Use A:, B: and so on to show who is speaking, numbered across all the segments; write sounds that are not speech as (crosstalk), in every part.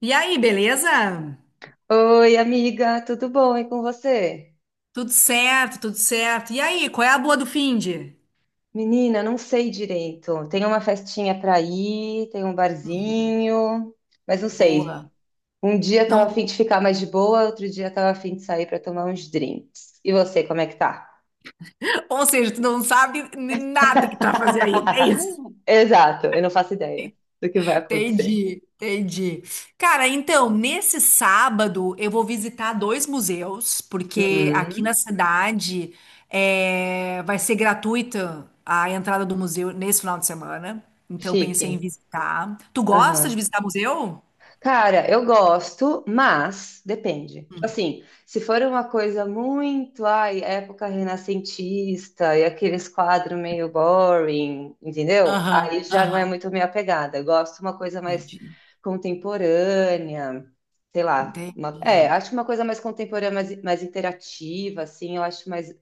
A: E aí, beleza?
B: Oi, amiga, tudo bom? E com você?
A: Tudo certo, tudo certo. E aí, qual é a boa do finde?
B: Menina, não sei direito. Tem uma festinha para ir, tem um
A: Uhum.
B: barzinho, mas não
A: Boa.
B: sei. Um dia tava a
A: Não,
B: fim de ficar mais de boa, outro dia tava a fim de sair para tomar uns drinks. E você, como é que tá?
A: (laughs) ou seja, tu não sabe nada que tu vai fazer aí. É isso.
B: (laughs) Exato, eu não faço ideia do que vai acontecer.
A: Entendi, entendi. Cara, então, nesse sábado eu vou visitar dois museus, porque aqui na
B: Hum,
A: cidade vai ser gratuita a entrada do museu nesse final de semana. Então, eu pensei em
B: chique.
A: visitar. Tu gosta de visitar museu?
B: Cara, eu gosto, mas depende. Tipo
A: Hum.
B: assim, se for uma coisa muito, ai, época renascentista e aqueles quadros meio boring, entendeu? Aí
A: Aham,
B: já não é
A: aham.
B: muito minha pegada. Eu gosto de uma coisa mais
A: Entendi.
B: contemporânea, sei lá,
A: Entendi.
B: acho uma coisa mais contemporânea, mais interativa, assim, eu acho mais,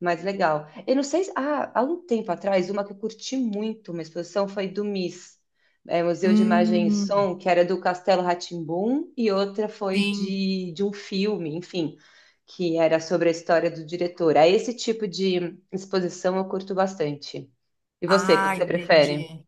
B: mais legal. Eu não sei, há um tempo atrás, uma que eu curti muito, uma exposição foi do Museu de Imagem e
A: Hum.
B: Som, que era do Castelo rá e outra foi
A: Sim.
B: de um filme, enfim, que era sobre a história do diretor. Aí esse tipo de exposição eu curto bastante. E você, qual
A: Ah,
B: que você prefere?
A: entendi.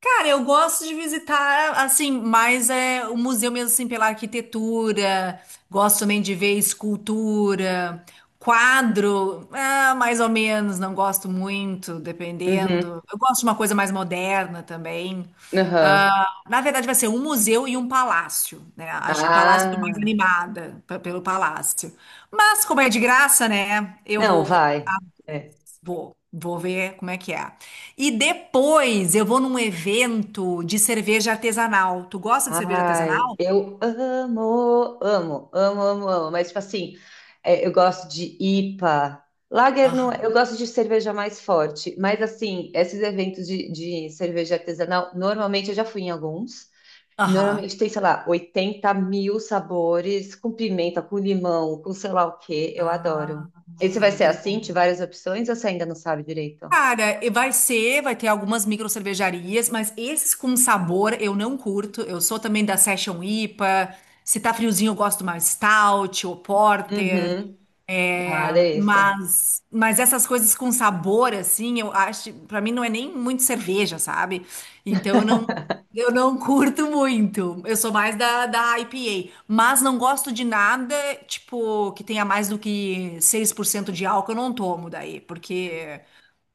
A: Cara, eu gosto de visitar, assim, mais é o museu mesmo, assim, pela arquitetura. Gosto também de ver escultura, quadro, ah, mais ou menos, não gosto muito, dependendo.
B: Uhum,
A: Eu gosto de uma coisa mais moderna também.
B: aham.
A: Ah, na verdade, vai ser um museu e um palácio, né? Acho que o palácio eu tô mais
B: Ah,
A: animada pelo palácio. Mas, como é de graça, né? Eu
B: não,
A: vou.
B: vai. É.
A: Vou, vou ver como é que é. E depois eu vou num evento de cerveja artesanal. Tu gosta de cerveja
B: Ai,
A: artesanal?
B: eu amo, amo, amo, amo, amo. Mas, tipo assim, eu gosto de IPA. Lager não,
A: Aham.
B: eu gosto de cerveja mais forte. Mas, assim, esses eventos de cerveja artesanal, normalmente eu já fui em alguns. Normalmente
A: Aham.
B: tem, sei lá, 80 mil sabores, com pimenta, com limão, com sei lá o quê. Eu adoro. Esse
A: Ah,
B: vai ser assim, de
A: boa.
B: várias opções, ou você ainda não sabe direito?
A: Cara, e vai ter algumas micro cervejarias, mas esses com sabor eu não curto. Eu sou também da Session IPA. Se tá friozinho, eu gosto mais stout ou porter.
B: Uhum.
A: É,
B: Ah, delícia.
A: mas essas coisas com sabor, assim, eu acho, pra mim não é nem muito cerveja, sabe? Então eu não curto muito. Eu sou mais da IPA. Mas não gosto de nada, tipo, que tenha mais do que 6% de álcool, eu não tomo daí, porque.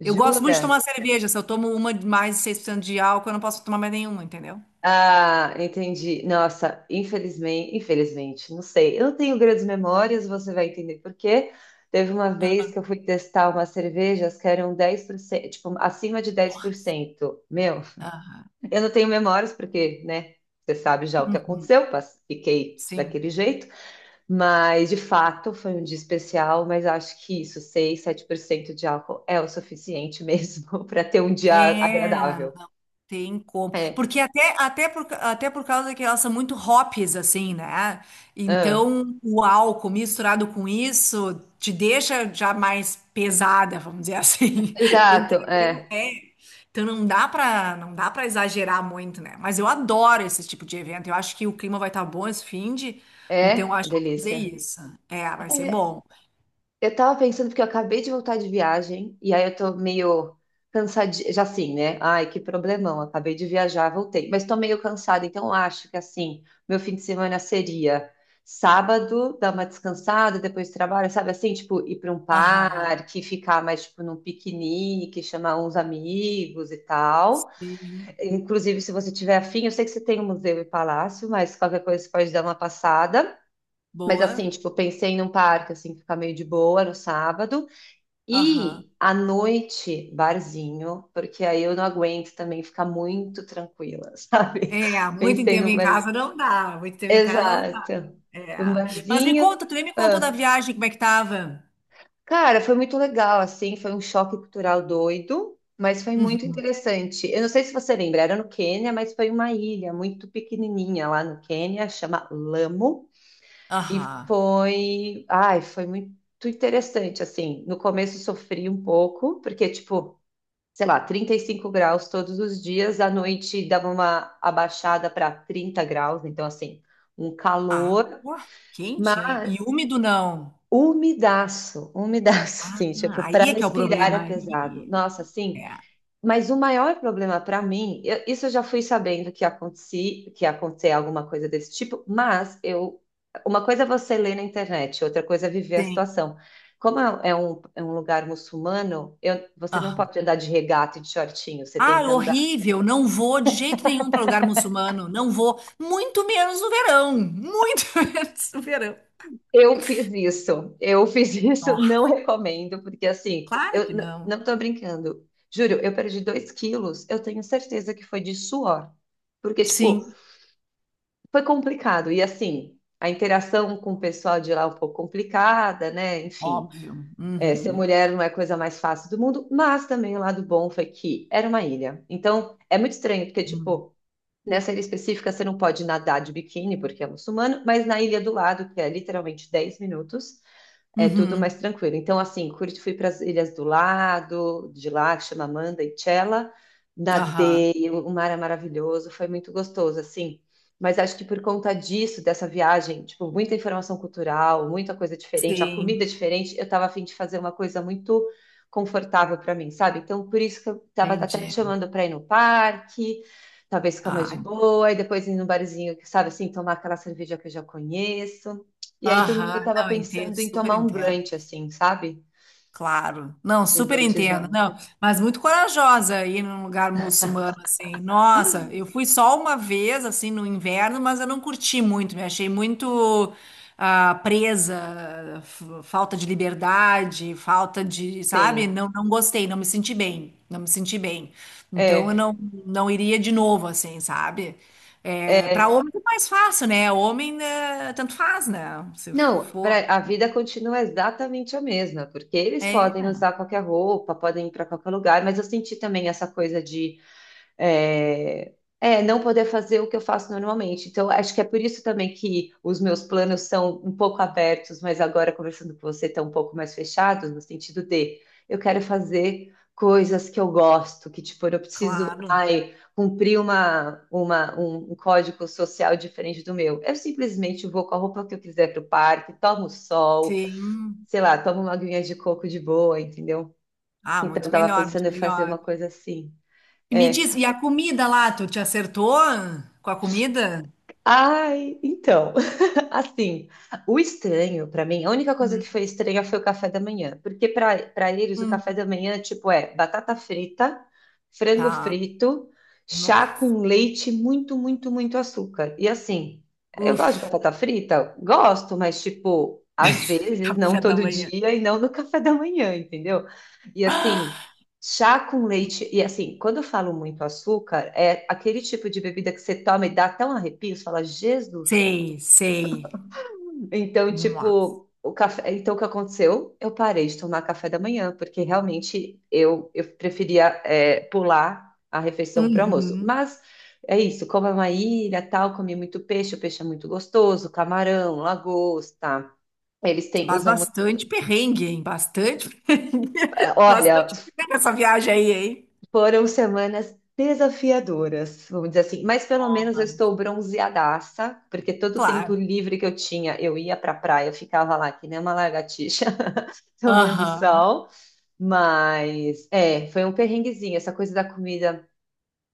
A: Eu gosto muito de
B: Jura?
A: tomar cerveja. Se eu tomo uma de mais de 6% de álcool, eu não posso tomar mais nenhuma, entendeu?
B: Ah, entendi. Nossa, infelizmente, infelizmente, não sei. Eu não tenho grandes memórias, você vai entender por quê. Teve uma vez que eu fui testar umas cervejas que eram 10%, tipo, acima de 10%. Meu,
A: Aham.
B: eu não tenho memórias porque, né, você sabe já o que
A: Uhum.
B: aconteceu, fiquei
A: Sim.
B: daquele jeito, mas de fato foi um dia especial, mas acho que isso, 6, 7% de álcool é o suficiente mesmo (laughs) para ter um dia
A: É.
B: agradável.
A: Tem como.
B: É.
A: Porque até por causa que elas são muito hops, assim, né?
B: Ah.
A: Então, o álcool misturado com isso te deixa já mais pesada, vamos dizer assim. (laughs)
B: Exato,
A: Entendeu?
B: é.
A: É. Então não dá pra, não dá para exagerar muito, né? Mas eu adoro esse tipo de evento. Eu acho que o clima vai estar bom esse fim de, então eu
B: É,
A: acho que eu vou fazer
B: delícia.
A: isso. É, vai ser
B: É,
A: bom.
B: eu tava pensando porque eu acabei de voltar de viagem e aí eu tô meio cansadinha, já assim, né? Ai, que problemão, acabei de viajar, voltei, mas tô meio cansada, então eu acho que assim, meu fim de semana seria sábado, dar uma descansada, depois trabalho, sabe assim, tipo, ir pra um
A: Aham.
B: parque, ficar mais tipo num piquenique, chamar uns amigos e tal.
A: Sim.
B: Inclusive, se você tiver afim, eu sei que você tem o Museu e Palácio, mas qualquer coisa você pode dar uma passada. Mas assim,
A: Boa.
B: tipo, eu pensei num parque, assim, ficar meio de boa no sábado.
A: Aham.
B: E à noite, barzinho, porque aí eu não aguento também ficar muito tranquila, (laughs) sabe?
A: É, muito
B: Pensei
A: tempo
B: num
A: em
B: bar.
A: casa não dá. Muito tempo em casa não.
B: Exato. Um
A: É. Mas me
B: barzinho.
A: conta, tu nem me contou da
B: Ah.
A: viagem, como é que tava?
B: Cara, foi muito legal, assim, foi um choque cultural doido, mas foi muito interessante. Eu não sei se você lembra, era no Quênia, mas foi uma ilha muito pequenininha lá no Quênia, chama Lamo. E
A: Aham.
B: foi, ai, foi muito interessante, assim, no começo sofri um pouco, porque, tipo, sei lá, 35 graus todos os dias, à noite dava uma abaixada para 30 graus, então, assim, um
A: Ah,
B: calor,
A: ué, quente, hein?
B: mas
A: E úmido não.
B: umidaço, umidaço, (laughs)
A: Ah,
B: assim, tipo,
A: aí
B: para
A: é que é o
B: respirar
A: problema.
B: é pesado.
A: Aí,
B: Nossa,
A: é,
B: assim, mas o maior problema para mim, isso eu já fui sabendo que acontecia, que ia acontecer alguma coisa desse tipo, mas eu, uma coisa é você ler na internet, outra coisa é viver a
A: tem.
B: situação. Como é um lugar muçulmano, você não
A: Aham.
B: pode andar de regata e de shortinho, você tem
A: Ah,
B: que andar.
A: horrível. Não vou de jeito nenhum para lugar muçulmano. Não vou. Muito menos no verão. Muito (laughs) menos no verão.
B: Eu fiz isso, eu fiz (laughs) isso,
A: Ó,
B: não recomendo, porque assim,
A: claro
B: eu
A: que não.
B: não estou brincando. Juro, eu perdi 2 quilos, eu tenho certeza que foi de suor. Porque, tipo,
A: Sim,
B: foi complicado. E assim, a interação com o pessoal de lá é um pouco complicada, né? Enfim,
A: óbvio.
B: ser
A: Uhum.
B: mulher não é a coisa mais fácil do mundo, mas também o lado bom foi que era uma ilha. Então, é muito estranho, porque,
A: Uhum.
B: tipo, nessa ilha específica você não pode nadar de biquíni, porque é muçulmano, mas na ilha do lado, que é literalmente 10 minutos, é tudo
A: Uhum.
B: mais tranquilo. Então, assim, curti, fui para as ilhas do lado, de lá, que chama Manda e Chela,
A: Aham.
B: nadei, o mar é maravilhoso, foi muito gostoso, assim. Mas acho que por conta disso, dessa viagem, tipo, muita informação cultural, muita coisa diferente, a comida
A: Sim,
B: é diferente, eu estava a fim de fazer uma coisa muito confortável para mim, sabe? Então, por isso que eu estava até te
A: entendi.
B: chamando para ir no parque, talvez ficar mais de
A: Ah,
B: boa, e depois ir num barzinho, sabe, assim, tomar aquela cerveja que eu já conheço. E aí, domingo eu
A: aham,
B: tava
A: não, entendo,
B: pensando em
A: super
B: tomar um
A: entendo.
B: brunch, assim, sabe?
A: Claro. Não,
B: Um
A: super entendo.
B: brunchzão.
A: Não, mas muito corajosa ir num lugar muçulmano assim. Nossa, eu fui só uma vez assim no inverno, mas eu não curti muito, me achei muito presa, falta de liberdade, falta de, sabe?
B: Sim.
A: Não, não gostei, não me senti bem, não me senti bem. Então eu
B: É.
A: não, não iria de novo assim, sabe? É, para
B: É.
A: homem é mais fácil, né? Homem, né, tanto faz, né? Se
B: Não,
A: for.
B: a vida continua exatamente a mesma, porque eles
A: É,
B: podem usar qualquer roupa, podem ir para qualquer lugar, mas eu senti também essa coisa de É, não poder fazer o que eu faço normalmente. Então, acho que é por isso também que os meus planos são um pouco abertos, mas agora conversando com você, estão um pouco mais fechados, no sentido de eu quero fazer coisas que eu gosto, que tipo, eu preciso,
A: claro.
B: ai, cumprir um código social diferente do meu. Eu simplesmente vou com a roupa que eu quiser para o parque, tomo sol,
A: Sim.
B: sei lá, tomo uma aguinha de coco de boa, entendeu?
A: Ah,
B: Então,
A: muito
B: eu tava
A: melhor, muito
B: pensando em fazer uma
A: melhor.
B: coisa assim.
A: E me
B: é
A: diz, e a comida lá, tu te acertou com a comida?
B: Ai, então, (laughs) assim, o estranho pra mim, a única coisa
A: Hum.
B: que foi estranha foi o café da manhã, porque pra para eles o café
A: Hum.
B: da manhã tipo é batata frita, frango
A: Tá.
B: frito, chá
A: Nossa.
B: com leite, muito, muito, muito açúcar. E assim, eu gosto de
A: Uf,
B: batata frita, gosto, mas tipo às
A: (laughs)
B: vezes, não
A: café da
B: todo
A: manhã.
B: dia e não no café da manhã, entendeu? E assim, chá com leite, e assim, quando eu falo muito açúcar, é aquele tipo de bebida que você toma e dá até um arrepio, você fala, Jesus
A: Sei, sei.
B: então,
A: Nossa.
B: tipo, o café, então o que aconteceu? Eu parei de tomar café da manhã, porque realmente eu preferia pular a refeição para o almoço.
A: Uhum.
B: Mas é isso, como é uma ilha, tal, comi muito peixe, o peixe é muito gostoso, camarão, lagosta. Eles têm,
A: Mas
B: usam muito.
A: bastante perrengue, hein? Bastante perrengue. (laughs)
B: Olha,
A: Bastante perrengue essa viagem aí, hein?
B: foram semanas desafiadoras, vamos dizer assim, mas pelo menos eu estou bronzeadaça, porque todo o tempo
A: Claro.
B: livre que eu tinha, eu ia para a praia, eu ficava lá que nem uma lagartixa (laughs) tomando
A: Aham.
B: sol. Mas, foi um perrenguezinho, essa coisa da comida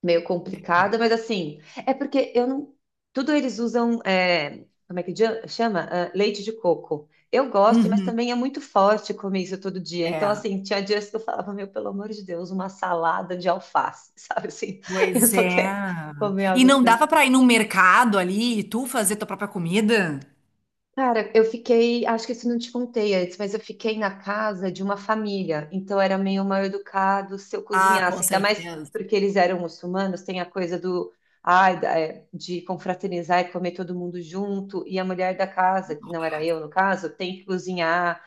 B: meio complicada, mas assim, é porque eu não. Tudo eles usam, como é que chama? Ah, leite de coco. Eu gosto, mas
A: Uhum.
B: também é muito forte comer isso todo dia. Então,
A: É.
B: assim, tinha dias que eu falava, meu, pelo amor de Deus, uma salada de alface, (laughs) sabe assim? Eu
A: Pois
B: só quero
A: é.
B: comer
A: E
B: algo.
A: não dava pra ir num mercado ali e tu fazer tua própria comida?
B: Cara, eu fiquei, acho que isso não te contei antes, mas eu fiquei na casa de uma família, então era meio mal educado se eu
A: Ah, com
B: cozinhasse, ainda mais
A: certeza.
B: porque eles eram muçulmanos, tem a coisa do, ai, da- é, de confraternizar e comer todo mundo junto, e a mulher da casa, que não era eu no caso, tem que cozinhar.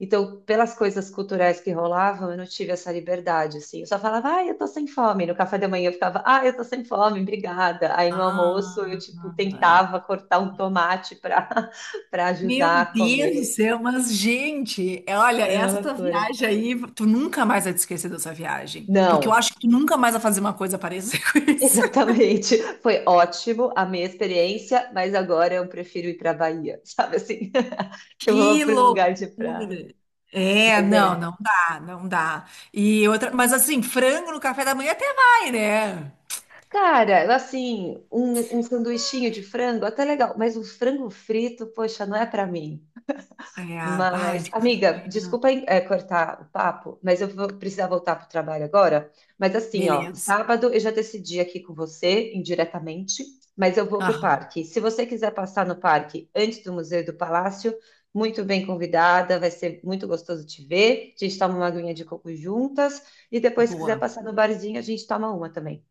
B: Então, pelas coisas culturais que rolavam, eu não tive essa liberdade, assim. Eu só falava, ai, eu tô sem fome. No café da manhã eu ficava, ai, eu tô sem fome, obrigada. Aí no almoço eu,
A: Ah,
B: tipo,
A: ai.
B: tentava cortar um tomate para
A: Meu
B: ajudar a
A: Deus do
B: comer.
A: céu, mas gente, olha,
B: Foi uma
A: essa tua
B: loucura.
A: viagem aí, tu nunca mais vai te esquecer dessa viagem, porque eu
B: Não,
A: acho que tu nunca mais vai fazer uma coisa parecida (laughs) com
B: (laughs)
A: isso.
B: exatamente. Foi ótimo a minha experiência, mas agora eu prefiro ir para Bahia, sabe assim? (laughs) Eu vou
A: Que
B: para um lugar de praia.
A: loucura! É,
B: Mas
A: não,
B: é.
A: não dá, não dá. E outra, mas assim, frango no café da manhã até vai, né?
B: Cara, assim, um sanduichinho de frango, até legal, mas um frango frito, poxa, não é para mim.
A: É, ai,
B: Mas,
A: de café da
B: amiga,
A: manhã,
B: desculpa, cortar o papo, mas eu vou precisar voltar para o trabalho agora. Mas assim, ó,
A: beleza.
B: sábado eu já decidi aqui com você, indiretamente, mas eu vou para o
A: Aham,
B: parque. Se você quiser passar no parque antes do Museu do Palácio, muito bem convidada, vai ser muito gostoso te ver. A gente toma uma aguinha de coco juntas e depois, se quiser
A: boa.
B: passar no barzinho, a gente toma uma também.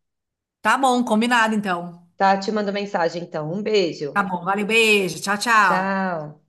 A: Tá bom, combinado então.
B: Tá? Te mando mensagem então. Um beijo.
A: Tá bom, valeu, beijo, tchau, tchau.
B: Tchau.